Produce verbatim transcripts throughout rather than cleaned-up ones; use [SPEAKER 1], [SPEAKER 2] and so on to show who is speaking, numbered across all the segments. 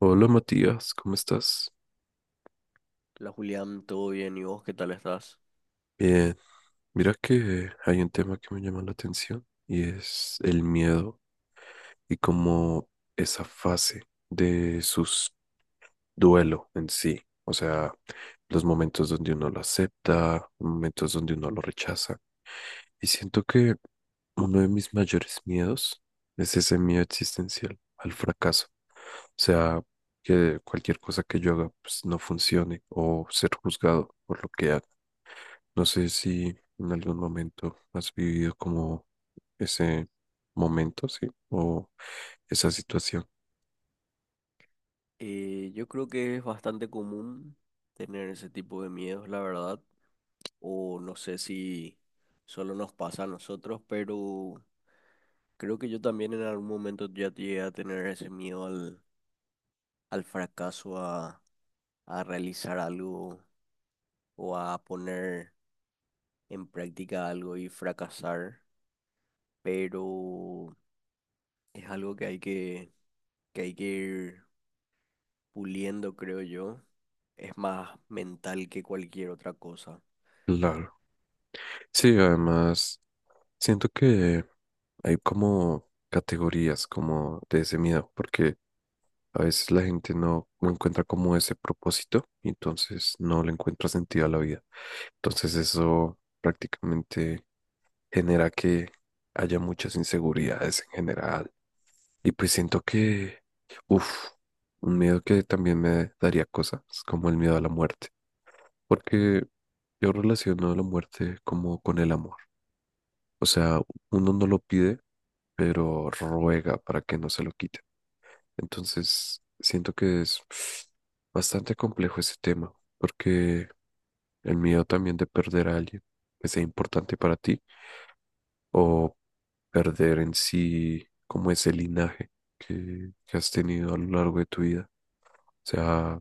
[SPEAKER 1] Hola Matías, ¿cómo estás?
[SPEAKER 2] La Julián, ¿todo bien? ¿Y vos qué tal estás?
[SPEAKER 1] Bien, mira que hay un tema que me llama la atención y es el miedo y como esa fase de su duelo en sí, o sea, los momentos donde uno lo acepta, momentos donde uno lo rechaza. Y siento que uno de mis mayores miedos es ese miedo existencial al fracaso, o sea, que cualquier cosa que yo haga pues, no funcione o ser juzgado por lo que haga. No sé si en algún momento has vivido como ese momento, sí, o esa situación.
[SPEAKER 2] Eh, yo creo que es bastante común tener ese tipo de miedos, la verdad, o no sé si solo nos pasa a nosotros, pero creo que yo también en algún momento ya llegué a tener ese miedo al, al fracaso, a, a realizar algo o a poner en práctica algo y fracasar, pero es algo que hay que, que hay que ir puliendo, creo yo es más mental que cualquier otra cosa.
[SPEAKER 1] Claro. Sí, además, siento que hay como categorías como de ese miedo, porque a veces la gente no, no encuentra como ese propósito y entonces no le encuentra sentido a la vida. Entonces eso prácticamente genera que haya muchas inseguridades en general. Y pues siento que, uff, un miedo que también me daría cosas, como el miedo a la muerte, porque yo relaciono la muerte como con el amor. O sea, uno no lo pide, pero ruega para que no se lo quite. Entonces, siento que es bastante complejo ese tema, porque el miedo también de perder a alguien que sea importante para ti o perder en sí como ese linaje que, que has tenido a lo largo de tu vida. O sea,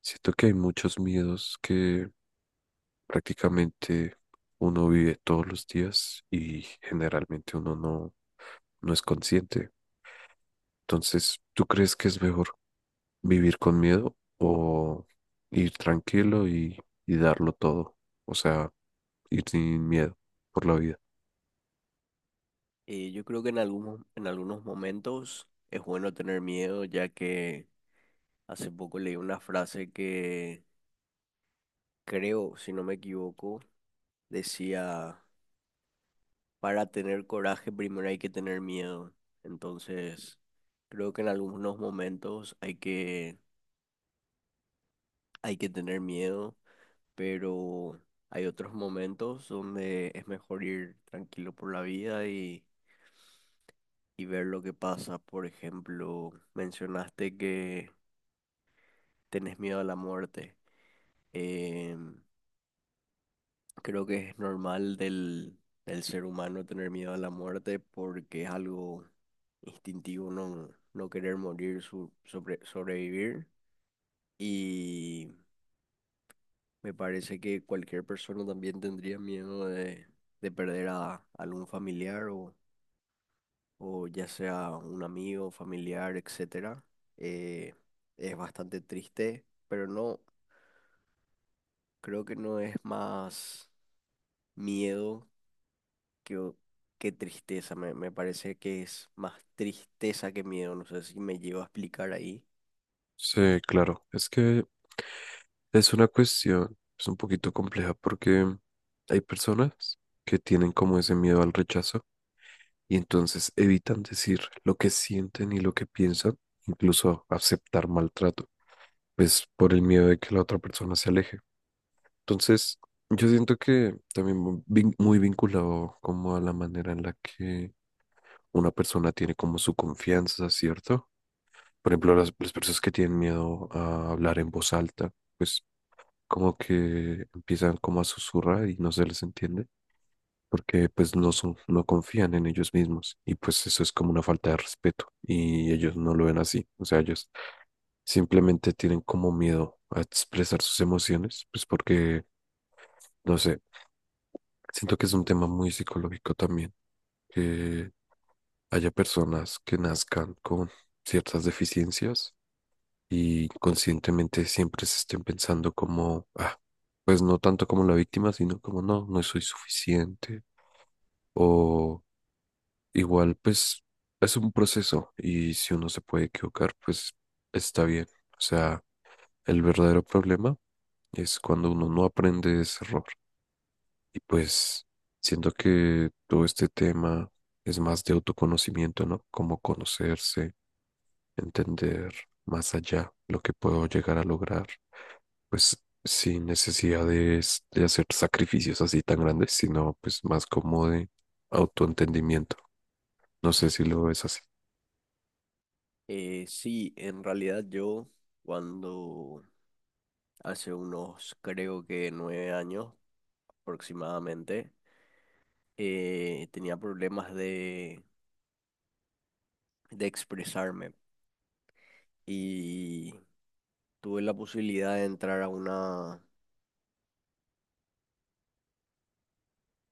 [SPEAKER 1] siento que hay muchos miedos que prácticamente uno vive todos los días y generalmente uno no, no es consciente. Entonces, ¿tú crees que es mejor vivir con miedo o ir tranquilo y, y darlo todo? O sea, ir sin miedo por la vida.
[SPEAKER 2] Eh, yo creo que en algunos, en algunos momentos es bueno tener miedo, ya que hace poco leí una frase que creo, si no me equivoco, decía, para tener coraje primero hay que tener miedo. Entonces, creo que en algunos momentos hay que, hay que tener miedo, pero hay otros momentos donde es mejor ir tranquilo por la vida y y ver lo que pasa. Por ejemplo, mencionaste que tenés miedo a la muerte. Em, Creo que es normal del, del ser humano tener miedo a la muerte porque es algo instintivo no, no querer morir, su- sobre- sobrevivir. Y me parece que cualquier persona también tendría miedo de, de perder a algún familiar o o ya sea un amigo, familiar, etcétera, eh, es bastante triste, pero no, creo que no es más miedo que, o- que tristeza, me, me parece que es más tristeza que miedo, no sé si me llevo a explicar ahí.
[SPEAKER 1] Sí, claro, es que es una cuestión pues, un poquito compleja porque hay personas que tienen como ese miedo al rechazo y entonces evitan decir lo que sienten y lo que piensan, incluso aceptar maltrato, pues por el miedo de que la otra persona se aleje. Entonces, yo siento que también mu- vin- muy vinculado como a la manera en la que una persona tiene como su confianza, ¿cierto? Por ejemplo, las, las personas que tienen miedo a hablar en voz alta, pues como que empiezan como a susurrar y no se les entiende, porque pues no son, no confían en ellos mismos y pues eso es como una falta de respeto y ellos no lo ven así, o sea, ellos simplemente tienen como miedo a expresar sus emociones, pues porque, no sé, siento que es un tema muy psicológico también, que haya personas que nazcan con ciertas deficiencias y conscientemente siempre se estén pensando como, ah, pues no tanto como la víctima, sino como no, no soy suficiente. O igual, pues es un proceso y si uno se puede equivocar, pues está bien. O sea, el verdadero problema es cuando uno no aprende de ese error. Y pues siento que todo este tema es más de autoconocimiento, ¿no? Como conocerse, entender más allá lo que puedo llegar a lograr pues sin necesidad de, s- de hacer sacrificios así tan grandes, sino pues más como de autoentendimiento. No sé si lo ves así.
[SPEAKER 2] Eh, sí, en realidad yo cuando hace unos creo que nueve años aproximadamente, eh, tenía problemas de, de expresarme. Y Tuve la posibilidad de entrar a una,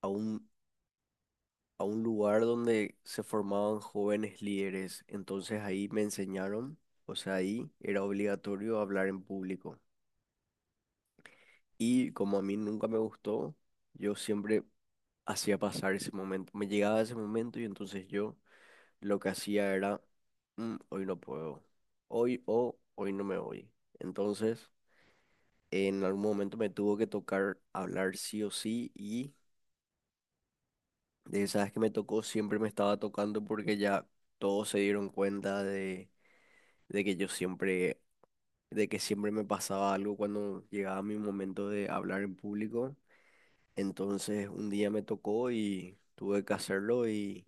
[SPEAKER 2] a un, a un lugar donde se formaban jóvenes líderes. Entonces ahí me enseñaron, o sea, ahí era obligatorio hablar en público. Y como a mí nunca me gustó, yo siempre hacía pasar ese momento. Me llegaba ese momento y entonces yo lo que hacía era, "Mm, hoy no puedo, hoy o hoy no me voy". Entonces, en algún momento me tuvo que tocar hablar sí o sí y de esas que me tocó, siempre me estaba tocando porque ya todos se dieron cuenta de, de que yo siempre, de que siempre me pasaba algo cuando llegaba mi momento de hablar en público. Entonces un día me tocó y tuve que hacerlo y,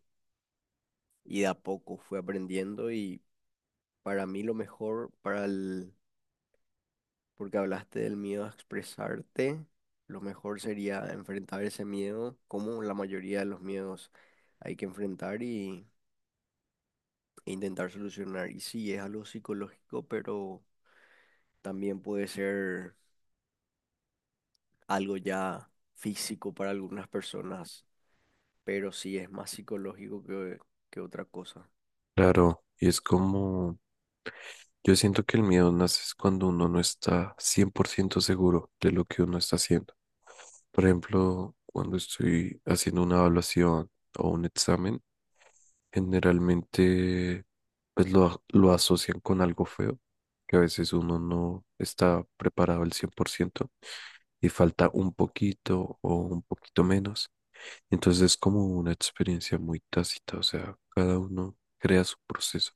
[SPEAKER 2] y de a poco fui aprendiendo y para mí lo mejor, para el, porque hablaste del miedo a expresarte, lo mejor sería enfrentar ese miedo como la mayoría de los miedos hay que enfrentar e intentar solucionar. Y sí, es algo psicológico, pero también puede ser algo ya físico para algunas personas, pero sí es más psicológico que, que otra cosa.
[SPEAKER 1] Claro, y es como, yo siento que el miedo nace es cuando uno no está cien por ciento seguro de lo que uno está haciendo. Por ejemplo, cuando estoy haciendo una evaluación o un examen, generalmente pues lo, a- lo asocian con algo feo, que a veces uno no está preparado al cien por ciento y falta un poquito o un poquito menos. Entonces es como una experiencia muy tácita, o sea, cada uno crea su proceso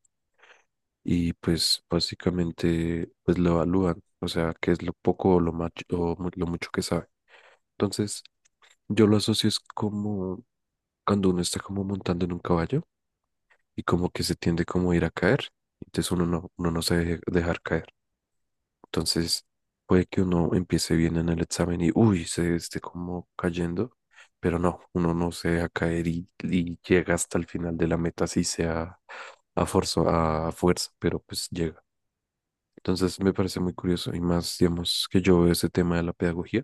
[SPEAKER 1] y pues básicamente pues lo evalúan, o sea, qué es lo poco o lo, macho, o mu- lo mucho que sabe. Entonces yo lo asocio es como cuando uno está como montando en un caballo y como que se tiende como a ir a caer, entonces uno no, uno no se deje dejar caer. Entonces puede que uno empiece bien en el examen y, uy, se esté como cayendo, pero no, uno no se deja caer y, y llega hasta el final de la meta, así sea a forzo- a fuerza, pero pues llega. Entonces me parece muy curioso y más, digamos, que yo veo ese tema de la pedagogía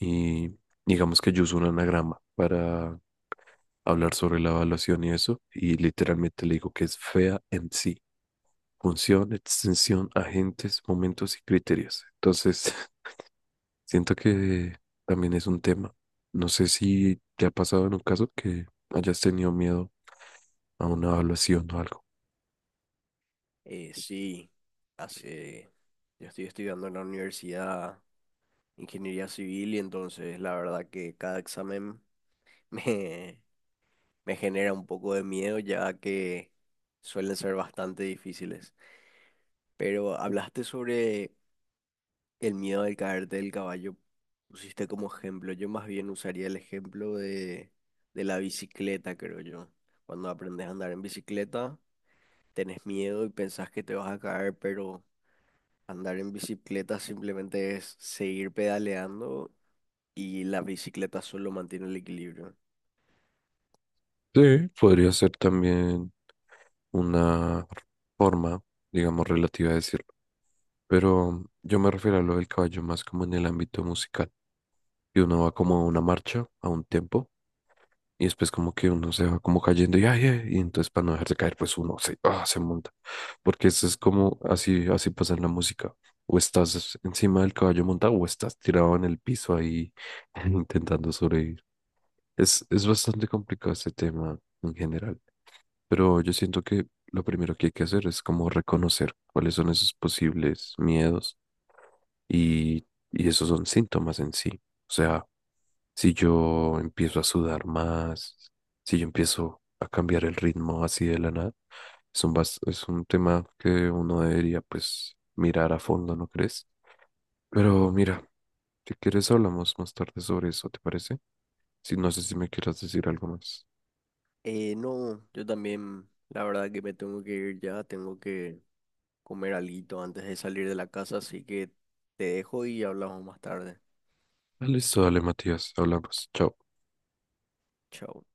[SPEAKER 1] y digamos que yo uso un anagrama para hablar sobre la evaluación y eso y literalmente le digo que es fea en sí: función, extensión, agentes, momentos y criterios. Entonces, siento que también es un tema. No sé si te ha pasado en un caso que hayas tenido miedo a una evaluación o algo.
[SPEAKER 2] Eh, sí, hace, yo estoy estudiando en la universidad ingeniería civil y entonces la verdad que cada examen me, me genera un poco de miedo ya que suelen ser bastante difíciles. Pero hablaste sobre el miedo de caerte del caballo pusiste como ejemplo. Yo más bien usaría el ejemplo de, de la bicicleta, creo yo. Cuando aprendes a andar en bicicleta, tenés miedo y pensás que te vas a caer, pero andar en bicicleta simplemente es seguir pedaleando y la bicicleta solo mantiene el equilibrio.
[SPEAKER 1] Sí, podría ser también una forma, digamos, relativa de decirlo. Pero yo me refiero a lo del caballo más como en el ámbito musical. Y uno va como a una marcha, a un tempo, y después como que uno se va como cayendo y, ay, ay, y entonces para no dejarse caer, pues uno se, ah, se monta. Porque eso es como así, así pasa en la música. O estás encima del caballo montado o estás tirado en el piso ahí intentando sobrevivir. Es, es bastante complicado este tema en general. Pero yo siento que lo primero que hay que hacer es como reconocer cuáles son esos posibles miedos y, y esos son síntomas en sí. O sea, si yo empiezo a sudar más, si yo empiezo a cambiar el ritmo así de la nada, es un, bas- es un tema que uno debería pues mirar a fondo, ¿no crees? Pero mira, si quieres hablamos más tarde sobre eso, ¿te parece? Si no sé si me quieras decir algo más.
[SPEAKER 2] Eh, no, yo también, la verdad que me tengo que ir ya, tengo que comer alguito antes de salir de la casa, así que te dejo y hablamos más tarde.
[SPEAKER 1] Listo, dale, Matías, hablamos. Chao.
[SPEAKER 2] Chao.